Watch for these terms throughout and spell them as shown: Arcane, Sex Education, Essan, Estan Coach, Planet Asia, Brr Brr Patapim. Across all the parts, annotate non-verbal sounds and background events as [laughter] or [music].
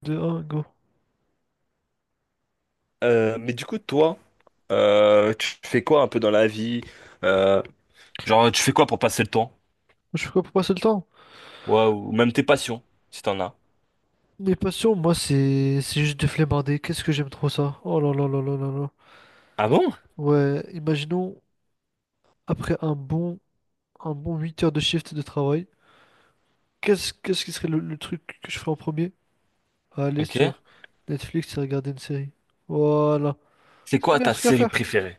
De un go. Mais du coup, toi, tu fais quoi un peu dans la vie? Euh, genre, tu fais quoi pour passer le temps? Je fais quoi pour passer le temps. Ouais, ou même tes passions, si t'en as. Mes passions, moi, c'est juste de flemmarder. Qu'est-ce que j'aime trop ça. Oh là là là là là là. Ah bon? Ouais, imaginons, après un bon 8 heures de shift de travail, qu'est-ce qui serait le truc que je ferais en premier? Aller Ok. sur Netflix et regarder une série. Voilà. C'est C'est le quoi meilleur ta truc à série faire. préférée?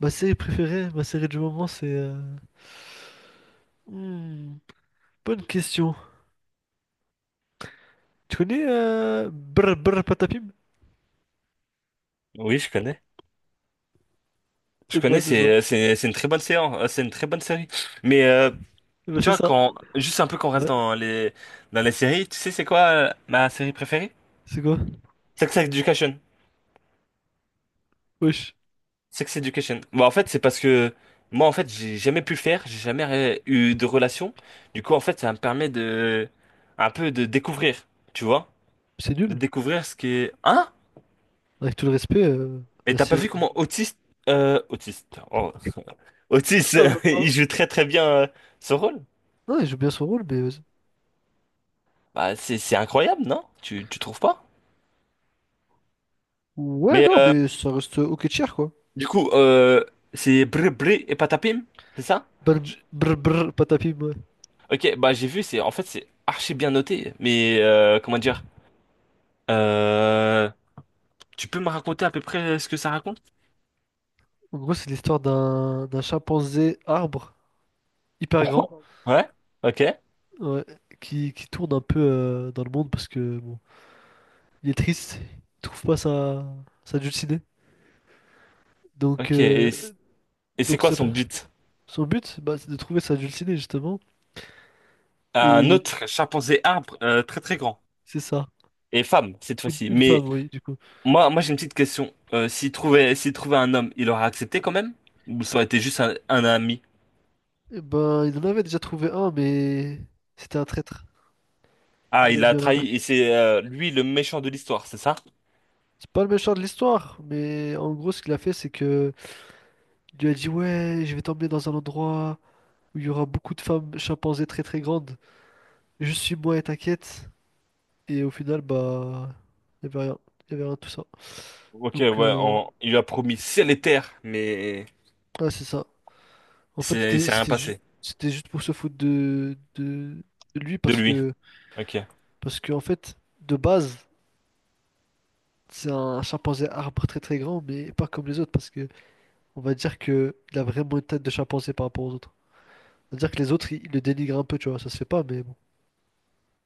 Ma série préférée, ma série du moment, c'est... hmm, bonne question. Tu connais Brr Brr Patapim? Oui, je connais. Je Eh ben, connais, c'est ça. c'est une très bonne séance, c'est une très bonne série. Mais Eh ben, tu c'est vois ça. quand juste un peu qu'on reste Ouais. dans les séries, tu sais c'est quoi ma série préférée? C'est quoi? Sex Education. Wesh. Sex Education. Bah, en fait, c'est parce que moi, en fait, j'ai jamais pu le faire, j'ai jamais eu de relation. Du coup, en fait, ça me permet de un peu de découvrir, tu vois, C'est de nul. découvrir ce qui est. Hein? Avec tout le respect, Et là, t'as pas c'est. vu comment euh, Otis, oh, Otis, Ça va [laughs] il pas. joue très très bien ce rôle. Non, il joue bien son rôle, mais. Vas-y. Bah, c'est incroyable, non? Tu trouves pas? Ouais, Mais non, mais ça reste ok tier, quoi. du coup, c'est Bré Bré et Patapim, c'est ça? Brr, Je- brr, brr, patapim, ouais. Ok, bah j'ai vu, c'est en fait c'est archi bien noté, mais comment dire? euh, Tu peux me raconter à peu près ce que ça raconte? En gros, c'est l'histoire d'un chimpanzé arbre hyper grand, [laughs] Ouais, ok, ouais, qui tourne un peu dans le monde parce que, bon, il est triste, il trouve pas sa, sa dulcinée. Donc, ok. Et, et c'est donc quoi ça son peut- but? son but, bah, c'est de trouver sa dulcinée, justement. Un Et autre chimpanzé arbre très très grand c'est ça. et femme cette fois-ci. Une Mais femme, oui, du coup. moi j'ai une petite question. S'il trouvait, s'il trouvait un homme, il aurait accepté quand même? Ou ça aurait été juste un ami? Eh ben, il en avait déjà trouvé un, mais c'était un traître. Ah, Il il l'a a mis à l'envers. trahi et c'est lui le méchant de l'histoire, c'est ça? C'est pas le méchant de l'histoire, mais en gros, ce qu'il a fait, c'est que il lui a dit, ouais, je vais t'emmener dans un endroit où il y aura beaucoup de femmes chimpanzés très très grandes. Juste suis-moi et t'inquiète. Et au final, bah, il y avait rien. Il y avait rien de tout ça. Ok, ouais, Donc, il lui a promis ciel et terre, mais ah, c'est ça. En fait, c'est, c'est rien passé c'était juste pour se foutre de lui de lui. Ok. parce que, en fait, de base. C'est un chimpanzé arbre très très grand, mais pas comme les autres, parce que on va dire que il a vraiment une tête de chimpanzé par rapport aux autres. On va dire que les autres, ils le dénigrent un peu, tu vois, ça se fait pas, mais bon.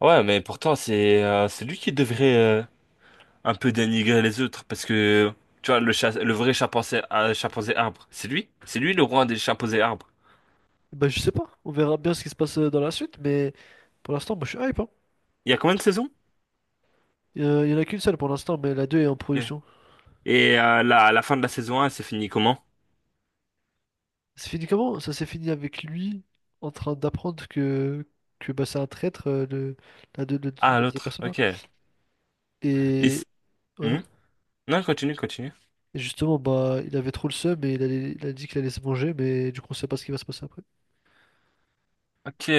Ouais, mais pourtant c'est lui qui devrait un peu dénigrer les autres parce que tu vois le chat, le vrai chimpanzé, chimpanzé arbre, c'est lui le roi des chimpanzés arbres. Bah je sais pas, on verra bien ce qui se passe dans la suite, mais pour l'instant, moi je suis hype, hein. Il y a combien de saisons? Il y en a qu'une seule pour l'instant, mais la deux est en Ok. production. Et à la fin de la saison 1, c'est fini comment? C'est fini comment? Ça s'est fini avec lui en train d'apprendre que bah, c'est un traître, le, la, Ah, la deuxième l'autre, personne là. ok. C- Et ouais. hmm Non, continue, continue. Et justement, bah il avait trop le seum et il a dit qu'il allait se manger, mais du coup on sait pas ce qui va se passer après. Ok.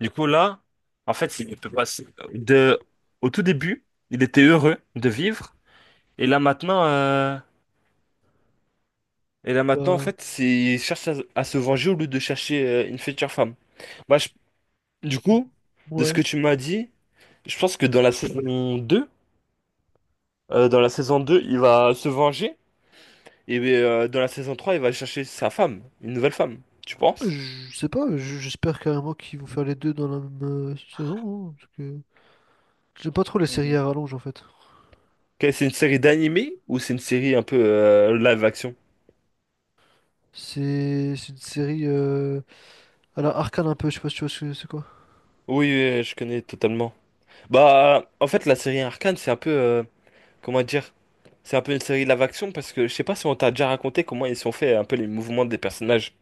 Du coup, là, en fait, il peut passer de, au tout début, il était heureux de vivre. Et là, maintenant, euh, et là, maintenant, en Bah, fait, il cherche à se venger au lieu de chercher une future femme. Bah, du coup, de ce ouais. que tu m'as dit, je pense que dans la saison 2, il va se venger. Et dans la saison 3, il va chercher sa femme, une nouvelle femme. Tu penses? Je sais pas, j'espère carrément qu'ils vont faire les deux dans la même saison, hein, parce que j'aime pas trop les séries Mhm. à rallonge en fait. Que C'est une série d'animé ou c'est une série un peu live action? C'est une série à la Arcane un peu, je sais pas si tu vois ce que c'est quoi. Oui, oui, oui, je connais totalement. Bah, en fait, la série Arcane, c'est un peu comment dire? C'est un peu une série live action parce que je sais pas si on t'a déjà raconté comment ils sont faits un peu les mouvements des personnages.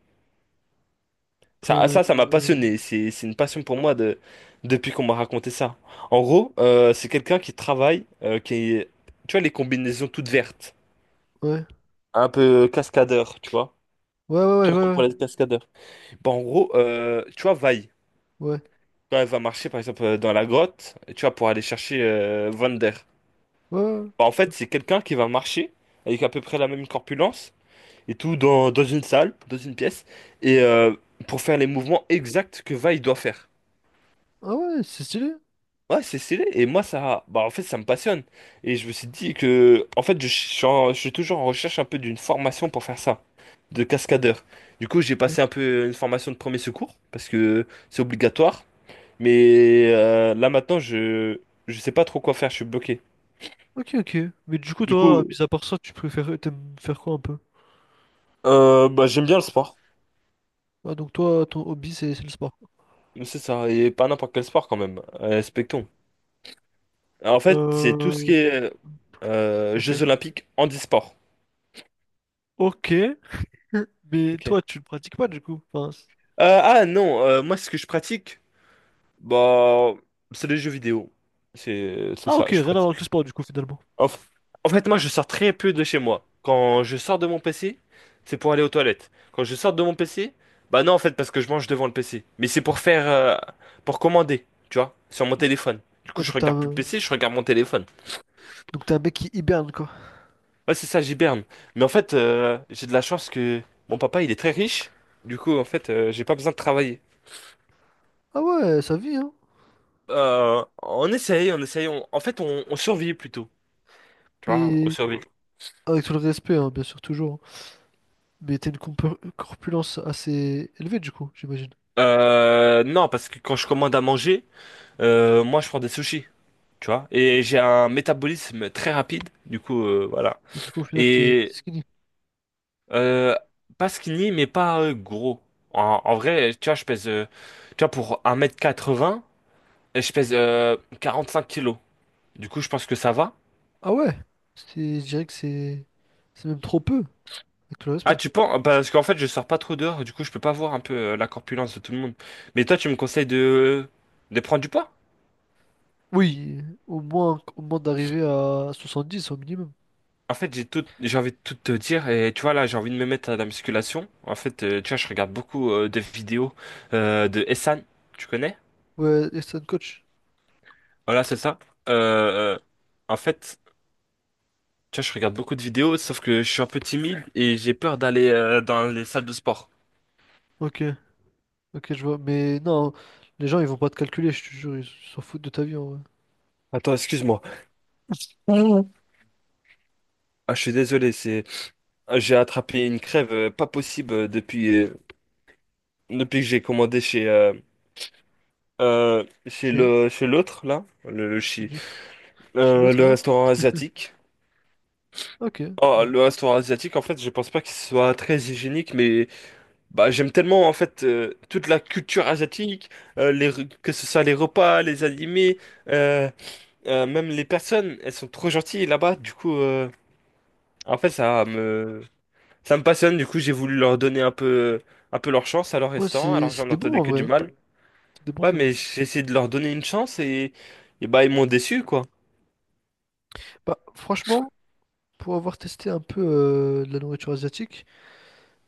Ça, ça m'a Euh, passionné. C'est une passion pour moi depuis qu'on m'a raconté ça. En gros, c'est quelqu'un qui travaille, qui est, tu vois, les combinaisons toutes vertes, ouais. un peu cascadeur, tu vois. Ouais, Tu ouais, ouais, vois, comme ouais, pour les cascadeurs. Bah, en gros, tu vois, vaille. ouais. Quand elle va marcher, par exemple, dans la grotte, tu vois, pour aller chercher Vander. Ouais, ouais, ouais. Bah, en fait, c'est quelqu'un qui va marcher avec à peu près la même corpulence et tout dans une salle, dans une pièce, et pour faire les mouvements exacts que vaille doit faire. Ah ouais, c'est stylé. Ouais, c'est stylé. Et moi, ça, bah, en fait, ça me passionne. Et je me suis dit que, en fait, je suis toujours en recherche un peu d'une formation pour faire ça, de cascadeur. Du coup, j'ai passé un peu une formation de premier secours parce que c'est obligatoire. Mais là maintenant, je sais pas trop quoi faire. Je suis bloqué. Ok, ok, ok. Mais du coup, Du toi, coup, mis à part ça, tu préfères, t'aimes faire quoi un peu? Bah, j'aime bien le sport. Ah, donc toi, ton hobby, c'est le sport. C'est ça, et pas n'importe quel sport quand même. Respectons. Alors, en fait, c'est tout ce Euh, qui est ok. Jeux Olympiques handisport. Ok. [laughs] Mais Ok. toi, tu le pratiques pas du coup. Enfin, Ah non, moi, ce que je pratique. Bah, c'est les jeux vidéo. C'est ah ça, ok, je rien à voir pratique. avec le sport du coup finalement. En, f- En fait, moi, je sors très peu de chez moi. Quand je sors de mon PC, c'est pour aller aux toilettes. Quand je sors de mon PC, bah non, en fait, parce que je mange devant le PC. Mais c'est pour pour commander, tu vois, sur mon téléphone. Du coup, Ouais, je regarde plus le PC, je regarde mon téléphone. donc t'as un mec qui hiberne, quoi. Ouais, c'est ça, j'hiberne. Mais en fait, j'ai de la chance que mon papa, il est très riche. Du coup, en fait, j'ai pas besoin de travailler. Ah ouais, ça vit, hein. On essaye, on essaye. En fait, on survit plutôt. Tu vois, on Mais survit. avec tout le respect, hein, bien sûr, toujours, hein. Mais t'as une corpulence assez élevée, du coup, j'imagine. Non, parce que quand je commande à manger, moi je prends des sushis, tu vois. Et j'ai un métabolisme très rapide, du coup, voilà. Et du coup, au final, t'es Et t'es skinny. euh, pas skinny, mais pas gros. En vrai, tu vois, tu vois, pour 1,80 m, je pèse 5 kilos. Du coup, je pense que ça va. Ah ouais, c'est... je dirais que c'est... c'est même trop peu, avec tout le Ah, respect. tu penses? Parce qu'en fait, je sors pas trop dehors, du coup, je peux pas voir un peu la corpulence de tout le monde. Mais toi, tu me conseilles de prendre du poids? Oui, au moins d'arriver à 70 au minimum. En fait, j'ai envie de tout te dire et tu vois là, j'ai envie de me mettre à la musculation. En fait, tu vois, je regarde beaucoup de vidéos de Essan, tu connais? Ouais, Estan Coach. Voilà, c'est ça. Euh, euh, En fait, tu vois, je regarde beaucoup de vidéos, sauf que je suis un peu timide et j'ai peur d'aller dans les salles de sport. Ok, ok, je vois. Mais non, les gens, ils vont pas te calculer, je te jure, ils s'en foutent de ta vie, en vrai. Attends, excuse-moi. Mhm. Ah, je suis désolé, j'ai attrapé une crève pas possible depuis que j'ai commandé chez Chez... le chez l'autre là, chez le- chez l'autre, le là? restaurant asiatique. Ok, Oh, bon. le restaurant asiatique, en fait, je pense pas qu'il soit très hygiénique, mais bah, j'aime tellement en fait toute la culture asiatique, que ce soit les repas, les animés, euh, même les personnes, elles sont trop gentilles là-bas. Du coup, en fait, ça me passionne. Du coup, j'ai voulu leur donner un peu leur chance à leur Ouais, restaurant, c'est, alors que j'en c'était bon en entendais que vrai, du hein. mal. C'était bon, Ouais, ça. mais j'ai essayé de leur donner une chance et bah ils m'ont déçu quoi. Bah, franchement, pour avoir testé un peu de la nourriture asiatique,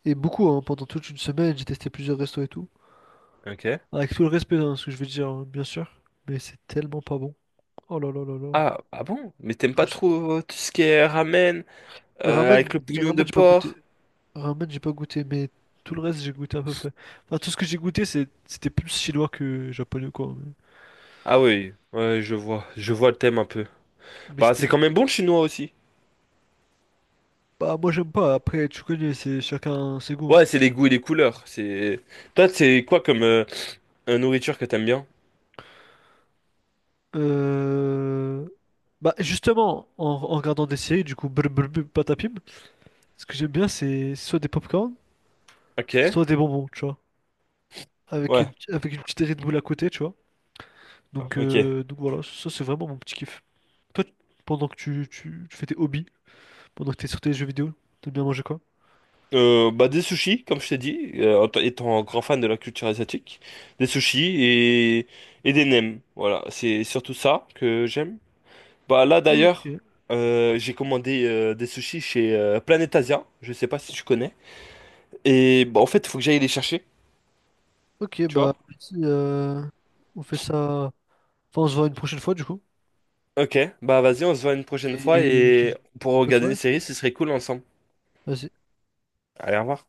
et beaucoup, hein, pendant toute une semaine, j'ai testé plusieurs restos et tout. Ok. Avec tout le respect, hein, ce que je veux dire, hein, bien sûr. Mais c'est tellement pas bon. Oh là là là là. Ah, ah bon? Mais t'aimes Je pas trouve ça- trop tout ce qui est ramen avec ramen, le bouillon de ramen, j'ai pas goûté. porc? Ramen, j'ai pas goûté, mais tout le reste, j'ai goûté à peu près. Enfin, tout ce que j'ai goûté, c'est, c'était plus chinois que japonais, quoi. Ah oui, ouais, je vois le thème un peu. Mais Bah, c'était c'est pas. quand même bon le chinois aussi. Bah, moi, j'aime pas. Après, tu connais, c'est chacun ses goûts, hein. Ouais, c'est les goûts et les couleurs. C'est toi, c'est quoi comme nourriture que t'aimes bien? Euh, bah justement, en, en regardant des séries, du coup, brr, brr, brr, patapim, ce que j'aime bien, c'est soit des popcorn, Ok, soit des bonbons, tu vois. Ouais, Avec une petite Red Bull à côté, tu vois. Ok. Donc voilà, ça c'est vraiment mon petit kiff. Toi, pendant que tu fais tes hobbies, pendant que t'es sur tes jeux vidéo, t'aimes bien manger quoi? Bah des sushis, comme je t'ai dit, étant grand fan de la culture asiatique, des sushis et des nems. Voilà, c'est surtout ça que j'aime. Bah là d'ailleurs, Ok, j'ai commandé des sushis chez Planet Asia. Je sais pas si tu connais. Et bah en fait, il faut que j'aille les chercher. ok, Tu bah vois. vas-y, on fait ça. Enfin, on se voit une prochaine fois du coup. Ok, bah vas-y, on se voit une prochaine fois Et je te et dis pour bonne regarder une soirée. série, ce serait cool ensemble. Vas-y. Allez, au revoir.